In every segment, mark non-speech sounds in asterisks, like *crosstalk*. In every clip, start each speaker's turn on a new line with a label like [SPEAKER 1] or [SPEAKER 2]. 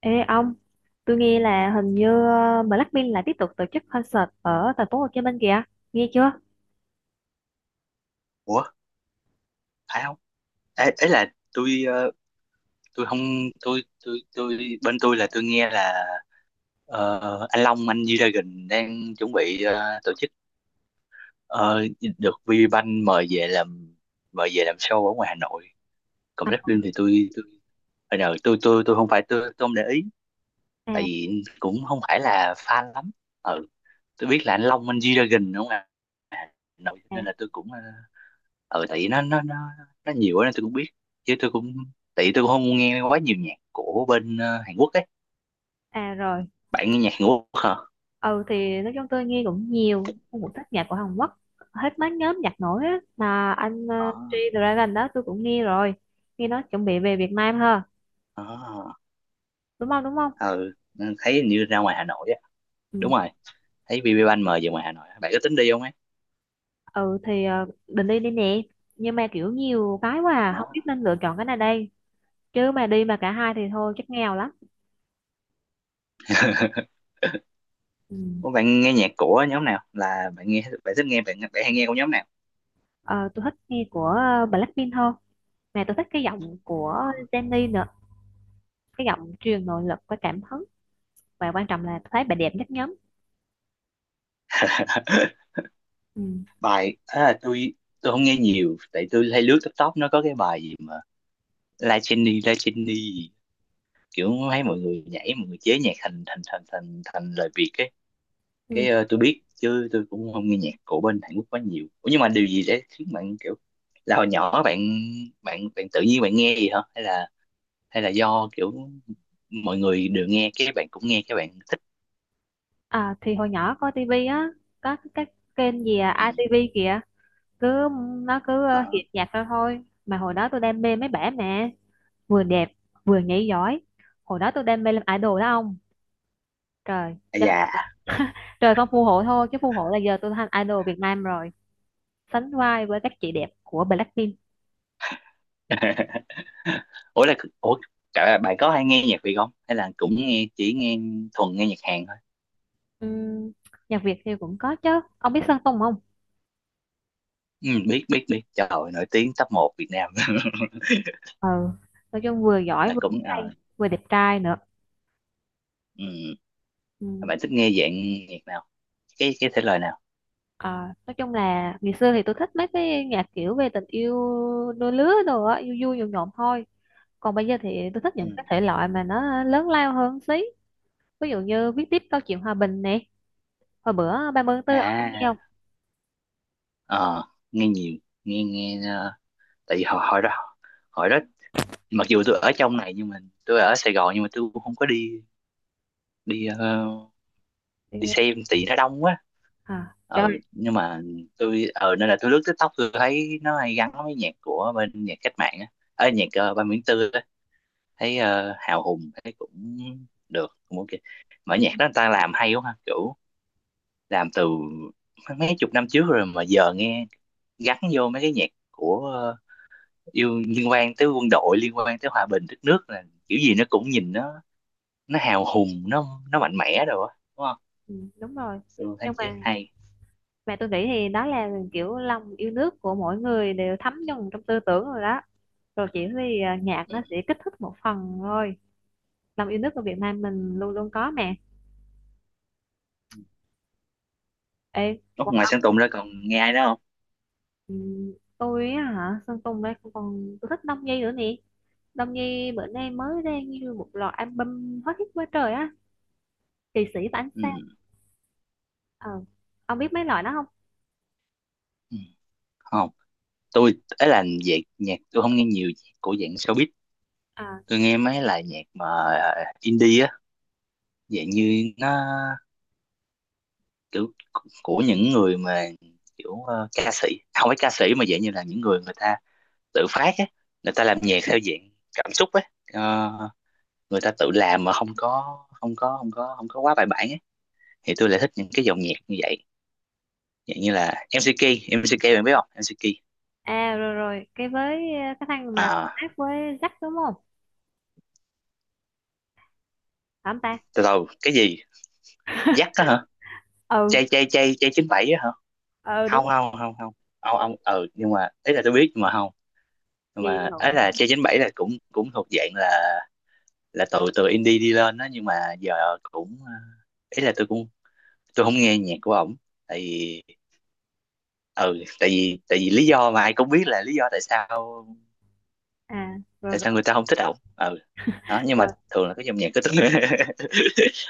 [SPEAKER 1] Ê ông, tôi nghe là hình như Blackpink lại tiếp tục tổ chức concert ở thành phố Hồ Chí Minh kìa, nghe chưa?
[SPEAKER 2] ủa Phải không? Ấy là tôi tôi không, tôi bên tôi là tôi nghe là anh Long anh G-Dragon đang chuẩn bị tổ chức, ờ, được VPBank mời về làm, mời về làm show ở ngoài Hà Nội. Còn
[SPEAKER 1] À,
[SPEAKER 2] Blackpink thì tôi hồi nào tôi không phải, tôi không để ý tại
[SPEAKER 1] à,
[SPEAKER 2] vì cũng không phải là fan lắm. Ừ, tôi biết là anh Long anh G-Dragon đúng không ạ? À, Nội
[SPEAKER 1] à,
[SPEAKER 2] nên là tôi cũng, ừ tại vì nó nhiều á nên tôi cũng biết, chứ tôi cũng, tại vì tôi cũng không nghe quá nhiều nhạc của bên Hàn Quốc ấy.
[SPEAKER 1] à rồi,
[SPEAKER 2] Bạn nghe nhạc Hàn Quốc hả?
[SPEAKER 1] ừ thì nói chung tôi nghe cũng nhiều, tôi cũng thích nhạc của Hàn Quốc, hết mấy nhóm nhạc nổi á, mà anh G-Dragon đó tôi cũng nghe rồi, nghe nói chuẩn bị về Việt Nam ha,
[SPEAKER 2] Ờ,
[SPEAKER 1] đúng không, đúng không?
[SPEAKER 2] à, ừ thấy hình như ra ngoài Hà Nội á. Đúng
[SPEAKER 1] Ừ,
[SPEAKER 2] rồi, thấy BB Ban mời về ngoài Hà Nội á. Bạn có tính đi không ấy?
[SPEAKER 1] ừ thì định đi đi nè, nhưng mà kiểu nhiều cái quá à, không
[SPEAKER 2] Đó.
[SPEAKER 1] biết nên lựa chọn cái nào đây, chứ mà đi mà cả hai thì thôi chắc nghèo lắm. Ừ.
[SPEAKER 2] Ủa, bạn nghe nhạc của nhóm nào, là bạn nghe bạn thích nghe bạn bạn hay nghe của nhóm nào?
[SPEAKER 1] Ờ, tôi thích nghe của Blackpink hơn, mà tôi thích cái giọng của
[SPEAKER 2] Đó.
[SPEAKER 1] Jennie nữa, cái giọng truyền nội lực và cảm hứng, và quan trọng là tôi thấy bà đẹp nhất nhóm.
[SPEAKER 2] *laughs*
[SPEAKER 1] Ừ.
[SPEAKER 2] Bài à, tôi không nghe nhiều tại tôi hay lướt TikTok, nó có cái bài gì mà La Jenny La Jenny, kiểu thấy mọi người nhảy, mọi người chế nhạc thành thành thành thành thành lời Việt ấy. Cái
[SPEAKER 1] Ừ.
[SPEAKER 2] tôi biết chứ tôi cũng không nghe nhạc của bên Hàn Quốc quá nhiều. Ủa, nhưng mà điều gì để khiến bạn kiểu, là hồi nhỏ bạn, bạn tự nhiên bạn nghe gì hả, hay là, hay là do kiểu mọi người đều nghe cái bạn cũng nghe cái bạn thích?
[SPEAKER 1] À, thì hồi nhỏ coi tivi á, có cái kênh gì à,
[SPEAKER 2] Ừ.
[SPEAKER 1] ITV kìa, cứ nó cứ
[SPEAKER 2] Đó.
[SPEAKER 1] hiện nhạc ra thôi, mà hồi đó tôi đam mê mấy bả mà vừa đẹp vừa nhảy giỏi, hồi đó tôi đam mê làm idol đó ông. Trời
[SPEAKER 2] À, dạ.
[SPEAKER 1] *laughs* trời không phù hộ thôi chứ phù hộ là giờ tôi thành idol Việt Nam rồi, sánh vai với các chị đẹp của Blackpink.
[SPEAKER 2] *laughs* Ủa là, ủa cả bạn có hay nghe nhạc Việt không, hay là cũng nghe, chỉ nghe thuần nghe nhạc Hàn thôi?
[SPEAKER 1] Ừm, nhạc Việt thì cũng có chứ, ông biết Sơn Tùng không?
[SPEAKER 2] Ừ, biết biết biết, trời ơi, nổi tiếng top một Việt Nam. *laughs*
[SPEAKER 1] Ừ, nói chung vừa giỏi
[SPEAKER 2] Là
[SPEAKER 1] vừa
[SPEAKER 2] cũng
[SPEAKER 1] hay vừa đẹp trai nữa.
[SPEAKER 2] ừ.
[SPEAKER 1] Ừm,
[SPEAKER 2] Bạn thích nghe dạng nhạc nào, cái thể loại nào?
[SPEAKER 1] à, nói chung là ngày xưa thì tôi thích mấy cái nhạc kiểu về tình yêu đôi lứa đồ á, vui vui nhộn nhộn thôi, còn bây giờ thì tôi thích những
[SPEAKER 2] Ừ.
[SPEAKER 1] cái thể loại mà nó lớn lao hơn xí, ví dụ như viết tiếp câu chuyện hòa bình nè, hồi bữa 30 tháng 4 ông có nghe
[SPEAKER 2] À
[SPEAKER 1] không?
[SPEAKER 2] ờ, nghe nhiều, nghe nghe, tại vì hồi, hồi đó mặc dù tôi ở trong này, nhưng mà tôi ở Sài Gòn, nhưng mà tôi cũng không có đi, đi
[SPEAKER 1] Ừ.
[SPEAKER 2] đi xem tại vì nó đông quá.
[SPEAKER 1] À trời.
[SPEAKER 2] Ừ nhưng mà tôi ờ, nên là tôi lướt TikTok tôi thấy nó hay gắn với nhạc của bên nhạc cách mạng á, ở nhạc ba Nguyễn Tư á, thấy hào hùng, thấy cũng được, cũng ok. Mà nhạc đó người ta làm hay quá ha, kiểu làm từ mấy chục năm trước rồi mà giờ nghe gắn vô mấy cái nhạc của yêu, liên quan tới quân đội, liên quan tới hòa bình đất nước là kiểu gì nó cũng nhìn nó, nó hào hùng nó mạnh mẽ rồi á đúng không.
[SPEAKER 1] Ừ, đúng rồi,
[SPEAKER 2] Tôi thấy
[SPEAKER 1] nhưng
[SPEAKER 2] chế
[SPEAKER 1] mà
[SPEAKER 2] hay.
[SPEAKER 1] mà tôi nghĩ thì đó là kiểu lòng yêu nước của mỗi người đều thấm nhuần trong tư tưởng rồi đó, rồi chỉ vì à, nhạc
[SPEAKER 2] Ừ.
[SPEAKER 1] nó sẽ kích thích một phần thôi, lòng yêu nước của Việt Nam mình luôn luôn có mà. Ê
[SPEAKER 2] Ủa,
[SPEAKER 1] còn
[SPEAKER 2] ngoài Sơn Tùng ra còn nghe ai đó không?
[SPEAKER 1] tôi á hả? Sơn Tùng đây, còn tôi thích Đông Nhi nữa nè, Đông Nhi bữa nay mới ra như một loạt album hot hit quá trời á, Kỳ sĩ và ánh
[SPEAKER 2] Ừ.
[SPEAKER 1] sao. ờ ông biết mấy loại đó không?
[SPEAKER 2] Ừ. Không, tôi ấy là về nhạc tôi không nghe nhiều nhạc của dạng showbiz.
[SPEAKER 1] À,
[SPEAKER 2] Tôi nghe mấy là nhạc mà indie á, dạng như nó kiểu của những người mà kiểu ca sĩ, không phải ca sĩ mà dạng như là những người, người ta tự phát á, người ta làm nhạc theo dạng cảm xúc á. Ờ, người ta tự làm mà không có quá bài bản á, thì tôi lại thích những cái dòng nhạc như vậy. Dạng như là MCK, MCK bạn biết không, MCK?
[SPEAKER 1] à rồi rồi cái với cái thằng mà
[SPEAKER 2] À
[SPEAKER 1] hát với Jack, đúng không? Phải không ta?
[SPEAKER 2] từ đầu cái gì dắt đó hả?
[SPEAKER 1] Ừ,
[SPEAKER 2] Chay chay chín bảy á hả?
[SPEAKER 1] ừ
[SPEAKER 2] không
[SPEAKER 1] đúng.
[SPEAKER 2] không không không ông ông, ừ nhưng mà ấy là tôi biết nhưng mà không, nhưng
[SPEAKER 1] Gì
[SPEAKER 2] mà ấy
[SPEAKER 1] lộn hả?
[SPEAKER 2] là chay chín bảy là cũng cũng thuộc dạng là từ từ indie đi lên đó, nhưng mà giờ cũng ý là tôi cũng, tôi không nghe nhạc của ổng tại vì, ừ tại vì lý do mà ai cũng biết là lý do tại sao,
[SPEAKER 1] À rồi
[SPEAKER 2] tại sao
[SPEAKER 1] rồi
[SPEAKER 2] người ta không thích ổng. Ừ, đó nhưng mà
[SPEAKER 1] rồi
[SPEAKER 2] thường là cái dòng nhạc của tôi, *laughs*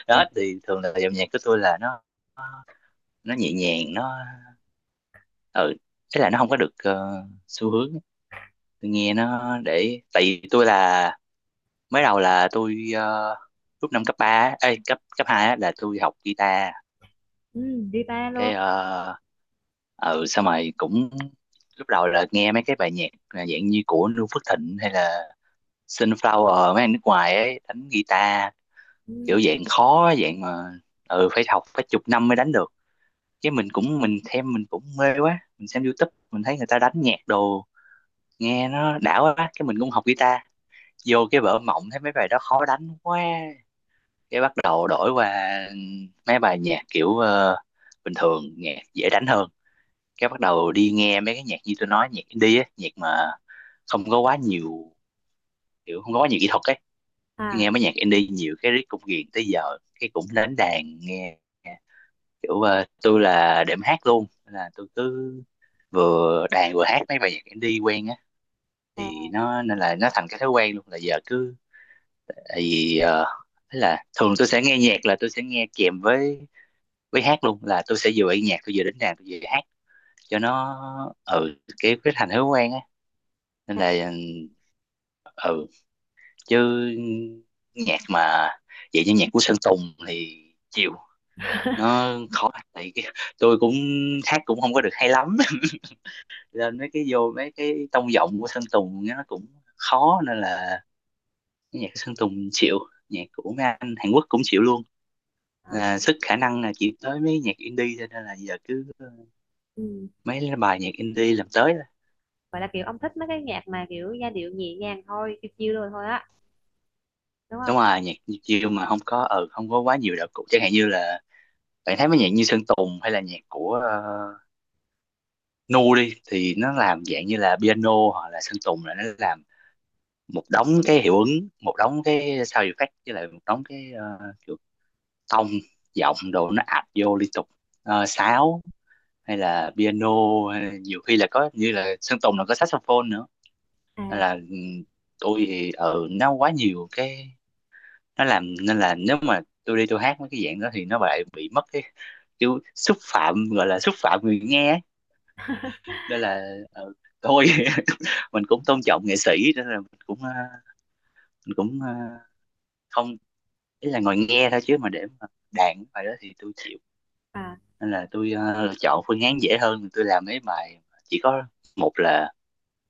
[SPEAKER 2] đó
[SPEAKER 1] biết.
[SPEAKER 2] thì thường là dòng nhạc của tôi là nó nhẹ nhàng, nó, ừ thế là nó không có được xu hướng. Tôi nghe nó để tại vì tôi là, mới đầu là tôi lúc năm cấp ba ấy, cấp cấp hai á, là tôi học guitar.
[SPEAKER 1] Ừ, guitar luôn.
[SPEAKER 2] Cái ờ, ừ xong rồi cũng, lúc đầu là nghe mấy cái bài nhạc là dạng như của Noo Phước Thịnh hay là Sunflower, mấy anh nước ngoài ấy đánh guitar, kiểu
[SPEAKER 1] Ừ.
[SPEAKER 2] dạng khó, dạng mà, ừ phải học phải chục năm mới đánh được. Chứ mình cũng mình thêm, mình cũng mê quá, mình xem YouTube mình thấy người ta đánh nhạc đồ nghe nó đã quá, cái mình cũng học guitar. Vô cái vở mộng thấy mấy bài đó khó đánh quá, cái bắt đầu đổi qua mấy bài nhạc kiểu bình thường, nhạc dễ đánh hơn. Cái bắt đầu đi nghe mấy cái nhạc như tôi nói, nhạc indie á, nhạc mà không có quá nhiều, kiểu không có quá nhiều kỹ thuật ấy.
[SPEAKER 1] À
[SPEAKER 2] Nghe mấy nhạc indie nhiều cái riết cũng ghiền tới giờ, cái cũng đến đàn nghe kiểu tôi là đệm hát luôn. Nên là tôi cứ vừa đàn vừa hát mấy bài nhạc indie quen á, thì
[SPEAKER 1] à
[SPEAKER 2] nó nên là nó thành cái thói quen luôn, là giờ cứ, tại vì thế là thường tôi sẽ nghe nhạc là tôi sẽ nghe kèm với hát luôn, là tôi sẽ vừa nghe nhạc tôi vừa đến đàn tôi vừa hát cho nó, ừ cái thành thói quen á, nên là ừ, chứ nhạc mà vậy như nhạc của Sơn Tùng thì chịu, nó khó tại cái, tôi cũng hát cũng không có được hay lắm. *laughs* Nên mấy cái vô mấy cái tông giọng của Sơn Tùng nó cũng khó, nên là cái nhạc của Sơn Tùng chịu, nhạc của mấy anh Hàn Quốc cũng chịu luôn.
[SPEAKER 1] à.
[SPEAKER 2] À, sức khả năng là chỉ tới mấy nhạc indie thôi, nên là giờ cứ
[SPEAKER 1] Ừ.
[SPEAKER 2] mấy cái bài nhạc indie làm tới thôi.
[SPEAKER 1] Vậy là kiểu ông thích mấy cái nhạc mà kiểu giai điệu nhẹ nhàng thôi, chill chill rồi thôi á, đúng không?
[SPEAKER 2] Đúng rồi, nhạc chiêu mà không có, ừ không có quá nhiều đạo cụ, chẳng hạn như là bạn thấy mấy nhạc như Sơn Tùng hay là nhạc của uh, Nu đi thì nó làm dạng như là piano, hoặc là Sơn Tùng là nó làm một đống cái hiệu ứng, một đống cái sound effect, với lại một đống cái kiểu tông giọng đồ nó ập vô liên tục, sáo, hay là piano, hay là nhiều khi là có như là Sơn Tùng là có saxophone nữa. Nên
[SPEAKER 1] À
[SPEAKER 2] là ừ, tôi thì ở nó quá nhiều cái nó làm, nên là nếu mà tôi đi tôi hát mấy cái dạng đó thì nó lại bị mất cái kiểu xúc phạm, gọi là xúc phạm người nghe, nên là thôi. *laughs* Mình cũng tôn trọng nghệ sĩ nên là mình cũng mình cũng không, ý là ngồi nghe thôi chứ mà để mà đạn bài đó thì tôi chịu,
[SPEAKER 1] à,
[SPEAKER 2] nên là tôi chọn phương án dễ hơn, tôi làm mấy bài chỉ có một là,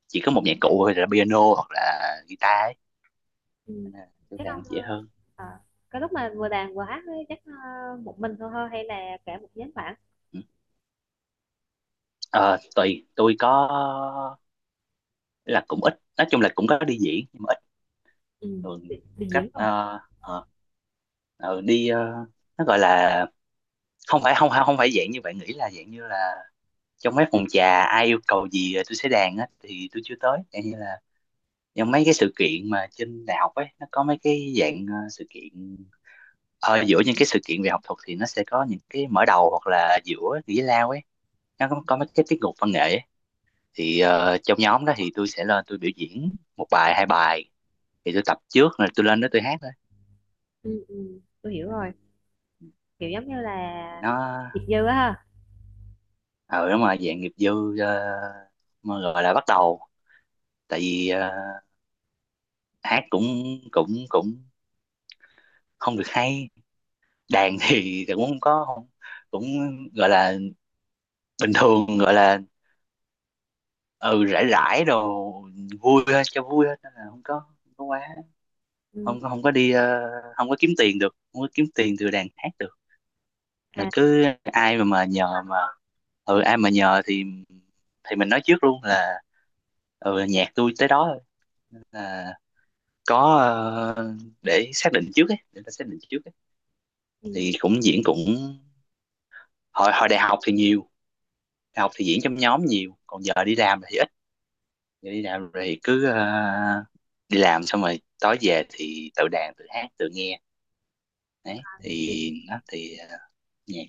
[SPEAKER 2] chỉ có một nhạc cụ thôi là piano hoặc là guitar ấy.
[SPEAKER 1] ừ.
[SPEAKER 2] Nên là tôi
[SPEAKER 1] Chắc
[SPEAKER 2] làm
[SPEAKER 1] ông
[SPEAKER 2] dễ hơn.
[SPEAKER 1] à, cái lúc mà vừa đàn vừa hát ấy, chắc một mình thôi thôi hay là cả một nhóm bạn?
[SPEAKER 2] Ừ. Ờ, tùy tôi có, là cũng ít, nói chung là cũng có đi diễn nhưng mà ít,
[SPEAKER 1] Ừ.
[SPEAKER 2] thường
[SPEAKER 1] Đi
[SPEAKER 2] cách
[SPEAKER 1] diễn không?
[SPEAKER 2] đi nó gọi là không phải, không không phải dạng như bạn nghĩ là dạng như là trong mấy phòng trà ai yêu cầu gì tôi sẽ đàn á thì tôi chưa tới. Dạng như là trong mấy cái sự kiện mà trên đại học ấy, nó có mấy cái dạng sự kiện ở giữa những cái sự kiện về học thuật, thì nó sẽ có những cái mở đầu hoặc là giữa giải lao ấy, nó có mấy cái tiết mục văn nghệ ấy. Thì trong nhóm đó thì tôi sẽ lên tôi biểu diễn một bài hai bài, thì tôi tập trước rồi tôi lên đó tôi hát thôi.
[SPEAKER 1] Ừ, ừ. Tôi hiểu
[SPEAKER 2] Đấy.
[SPEAKER 1] rồi. Kiểu giống như là
[SPEAKER 2] Thì nó
[SPEAKER 1] Diệp Dư á ha.
[SPEAKER 2] ờ, đúng rồi, dạng nghiệp dư, mà gọi là bắt đầu, tại vì hát cũng cũng cũng không được hay, đàn thì cũng không có không, cũng gọi là bình thường, gọi là ừ rải rải đồ vui thôi, cho vui thôi, nên là không có quá,
[SPEAKER 1] Ừ.
[SPEAKER 2] không, không có đi không có kiếm tiền được, không có kiếm tiền từ đàn hát được,
[SPEAKER 1] À
[SPEAKER 2] là cứ ai mà nhờ mà, ừ ai mà nhờ thì mình nói trước luôn là ừ nhạc tôi tới đó thôi. Nên là có ờ, để xác định trước ấy, để ta xác định trước ấy.
[SPEAKER 1] ừ.
[SPEAKER 2] Thì cũng diễn cũng hồi hồi đại học thì nhiều, học thì diễn trong nhóm nhiều, còn giờ đi làm thì ít. Giờ đi làm thì cứ đi làm xong rồi tối về thì tự đàn tự hát tự nghe, đấy
[SPEAKER 1] Ừ.
[SPEAKER 2] thì nó thì nhạc.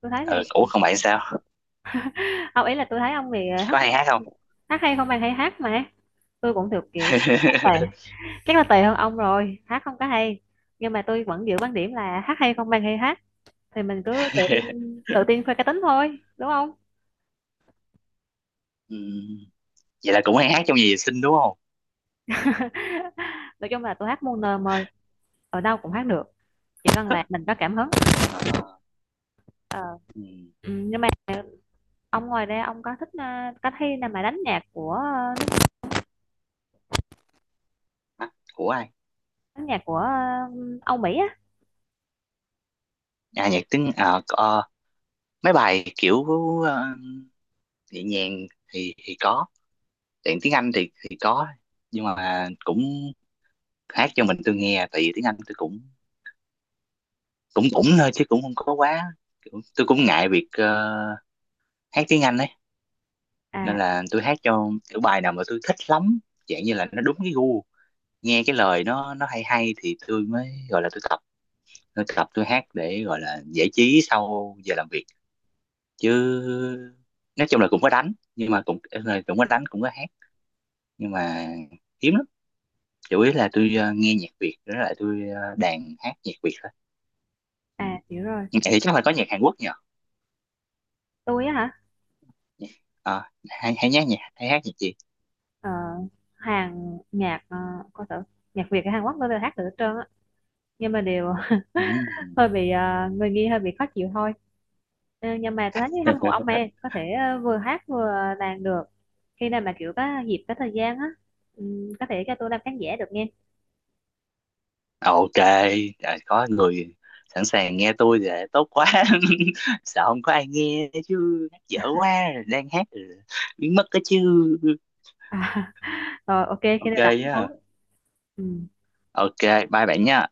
[SPEAKER 1] Tôi thấy
[SPEAKER 2] Ừ,
[SPEAKER 1] này,
[SPEAKER 2] ủa còn bạn sao,
[SPEAKER 1] *laughs* ông ý là tôi thấy ông thì hát
[SPEAKER 2] có hay
[SPEAKER 1] hay
[SPEAKER 2] hát
[SPEAKER 1] không,
[SPEAKER 2] không?
[SPEAKER 1] hát hay không bằng hay hát mà, tôi cũng thuộc kiểu hát tệ,
[SPEAKER 2] *laughs*
[SPEAKER 1] chắc là tùy hơn ông rồi hát không có hay, nhưng mà tôi vẫn giữ quan điểm là hát hay không bằng hay hát, thì mình cứ tự tin khoe cá tính thôi đúng không?
[SPEAKER 2] Ừ, vậy là cũng hay hát trong nhà vệ sinh đúng không?
[SPEAKER 1] *laughs* Nói chung là tôi hát muôn nơi mời, ở đâu cũng hát được, chỉ cần là
[SPEAKER 2] *laughs*
[SPEAKER 1] mình có cảm hứng.
[SPEAKER 2] Ờ,
[SPEAKER 1] Ờ.
[SPEAKER 2] ừ.
[SPEAKER 1] Ừ, nhưng mà ông ngoài ra ông có thích à, có thi nào mà đánh nhạc của à,
[SPEAKER 2] Hả? Của ai?
[SPEAKER 1] đánh nhạc của à, Âu Mỹ á?
[SPEAKER 2] À nhạc tiếng, à có- mấy bài kiểu ờ, nhẹ nhàng thì có, tiếng tiếng Anh thì có, nhưng mà cũng hát cho mình tôi nghe, tại vì tiếng Anh tôi cũng cũng cũng thôi, chứ cũng không có quá kiểu, tôi cũng ngại việc hát tiếng Anh ấy.
[SPEAKER 1] À
[SPEAKER 2] Nên là tôi hát cho kiểu bài nào mà tôi thích lắm, dạng như là nó đúng cái gu, nghe cái lời nó hay hay thì tôi mới gọi là tôi tập, tôi tôi hát để gọi là giải trí sau giờ làm việc, chứ nói chung là cũng có đánh nhưng mà cũng, cũng có đánh cũng có hát, nhưng mà hiếm lắm. Chủ yếu là tôi nghe nhạc Việt rồi lại tôi đàn hát nhạc Việt thôi. Ừ.
[SPEAKER 1] à, hiểu rồi.
[SPEAKER 2] Thì chắc là có nhạc Hàn Quốc nhờ.
[SPEAKER 1] Tôi á hả?
[SPEAKER 2] À, hay hay nhá, nhạc hay hát nhạc gì?
[SPEAKER 1] Ờ, hàng nhạc à, coi thử, nhạc Việt hay Hàn Quốc tôi đều hát được hết trơn á, nhưng mà đều
[SPEAKER 2] Ừm.
[SPEAKER 1] hơi bị người nghi hơi bị khó chịu thôi. Ờ, nhưng mà tôi thấy hâm mộ ông em
[SPEAKER 2] *laughs*
[SPEAKER 1] có thể vừa hát vừa đàn được, khi nào mà kiểu có dịp có thời gian á, có thể cho tôi làm khán giả được nghe.
[SPEAKER 2] Ok, à, có người sẵn sàng nghe tôi thì tốt quá. *laughs* Sợ không có ai nghe chứ hát dở quá, đang hát rồi biến mất cái chứ.
[SPEAKER 1] *laughs* À, rồi ok khi
[SPEAKER 2] Ok
[SPEAKER 1] nào đặt
[SPEAKER 2] nhá.
[SPEAKER 1] hứng. Ừ.
[SPEAKER 2] Ok, bye bạn nha.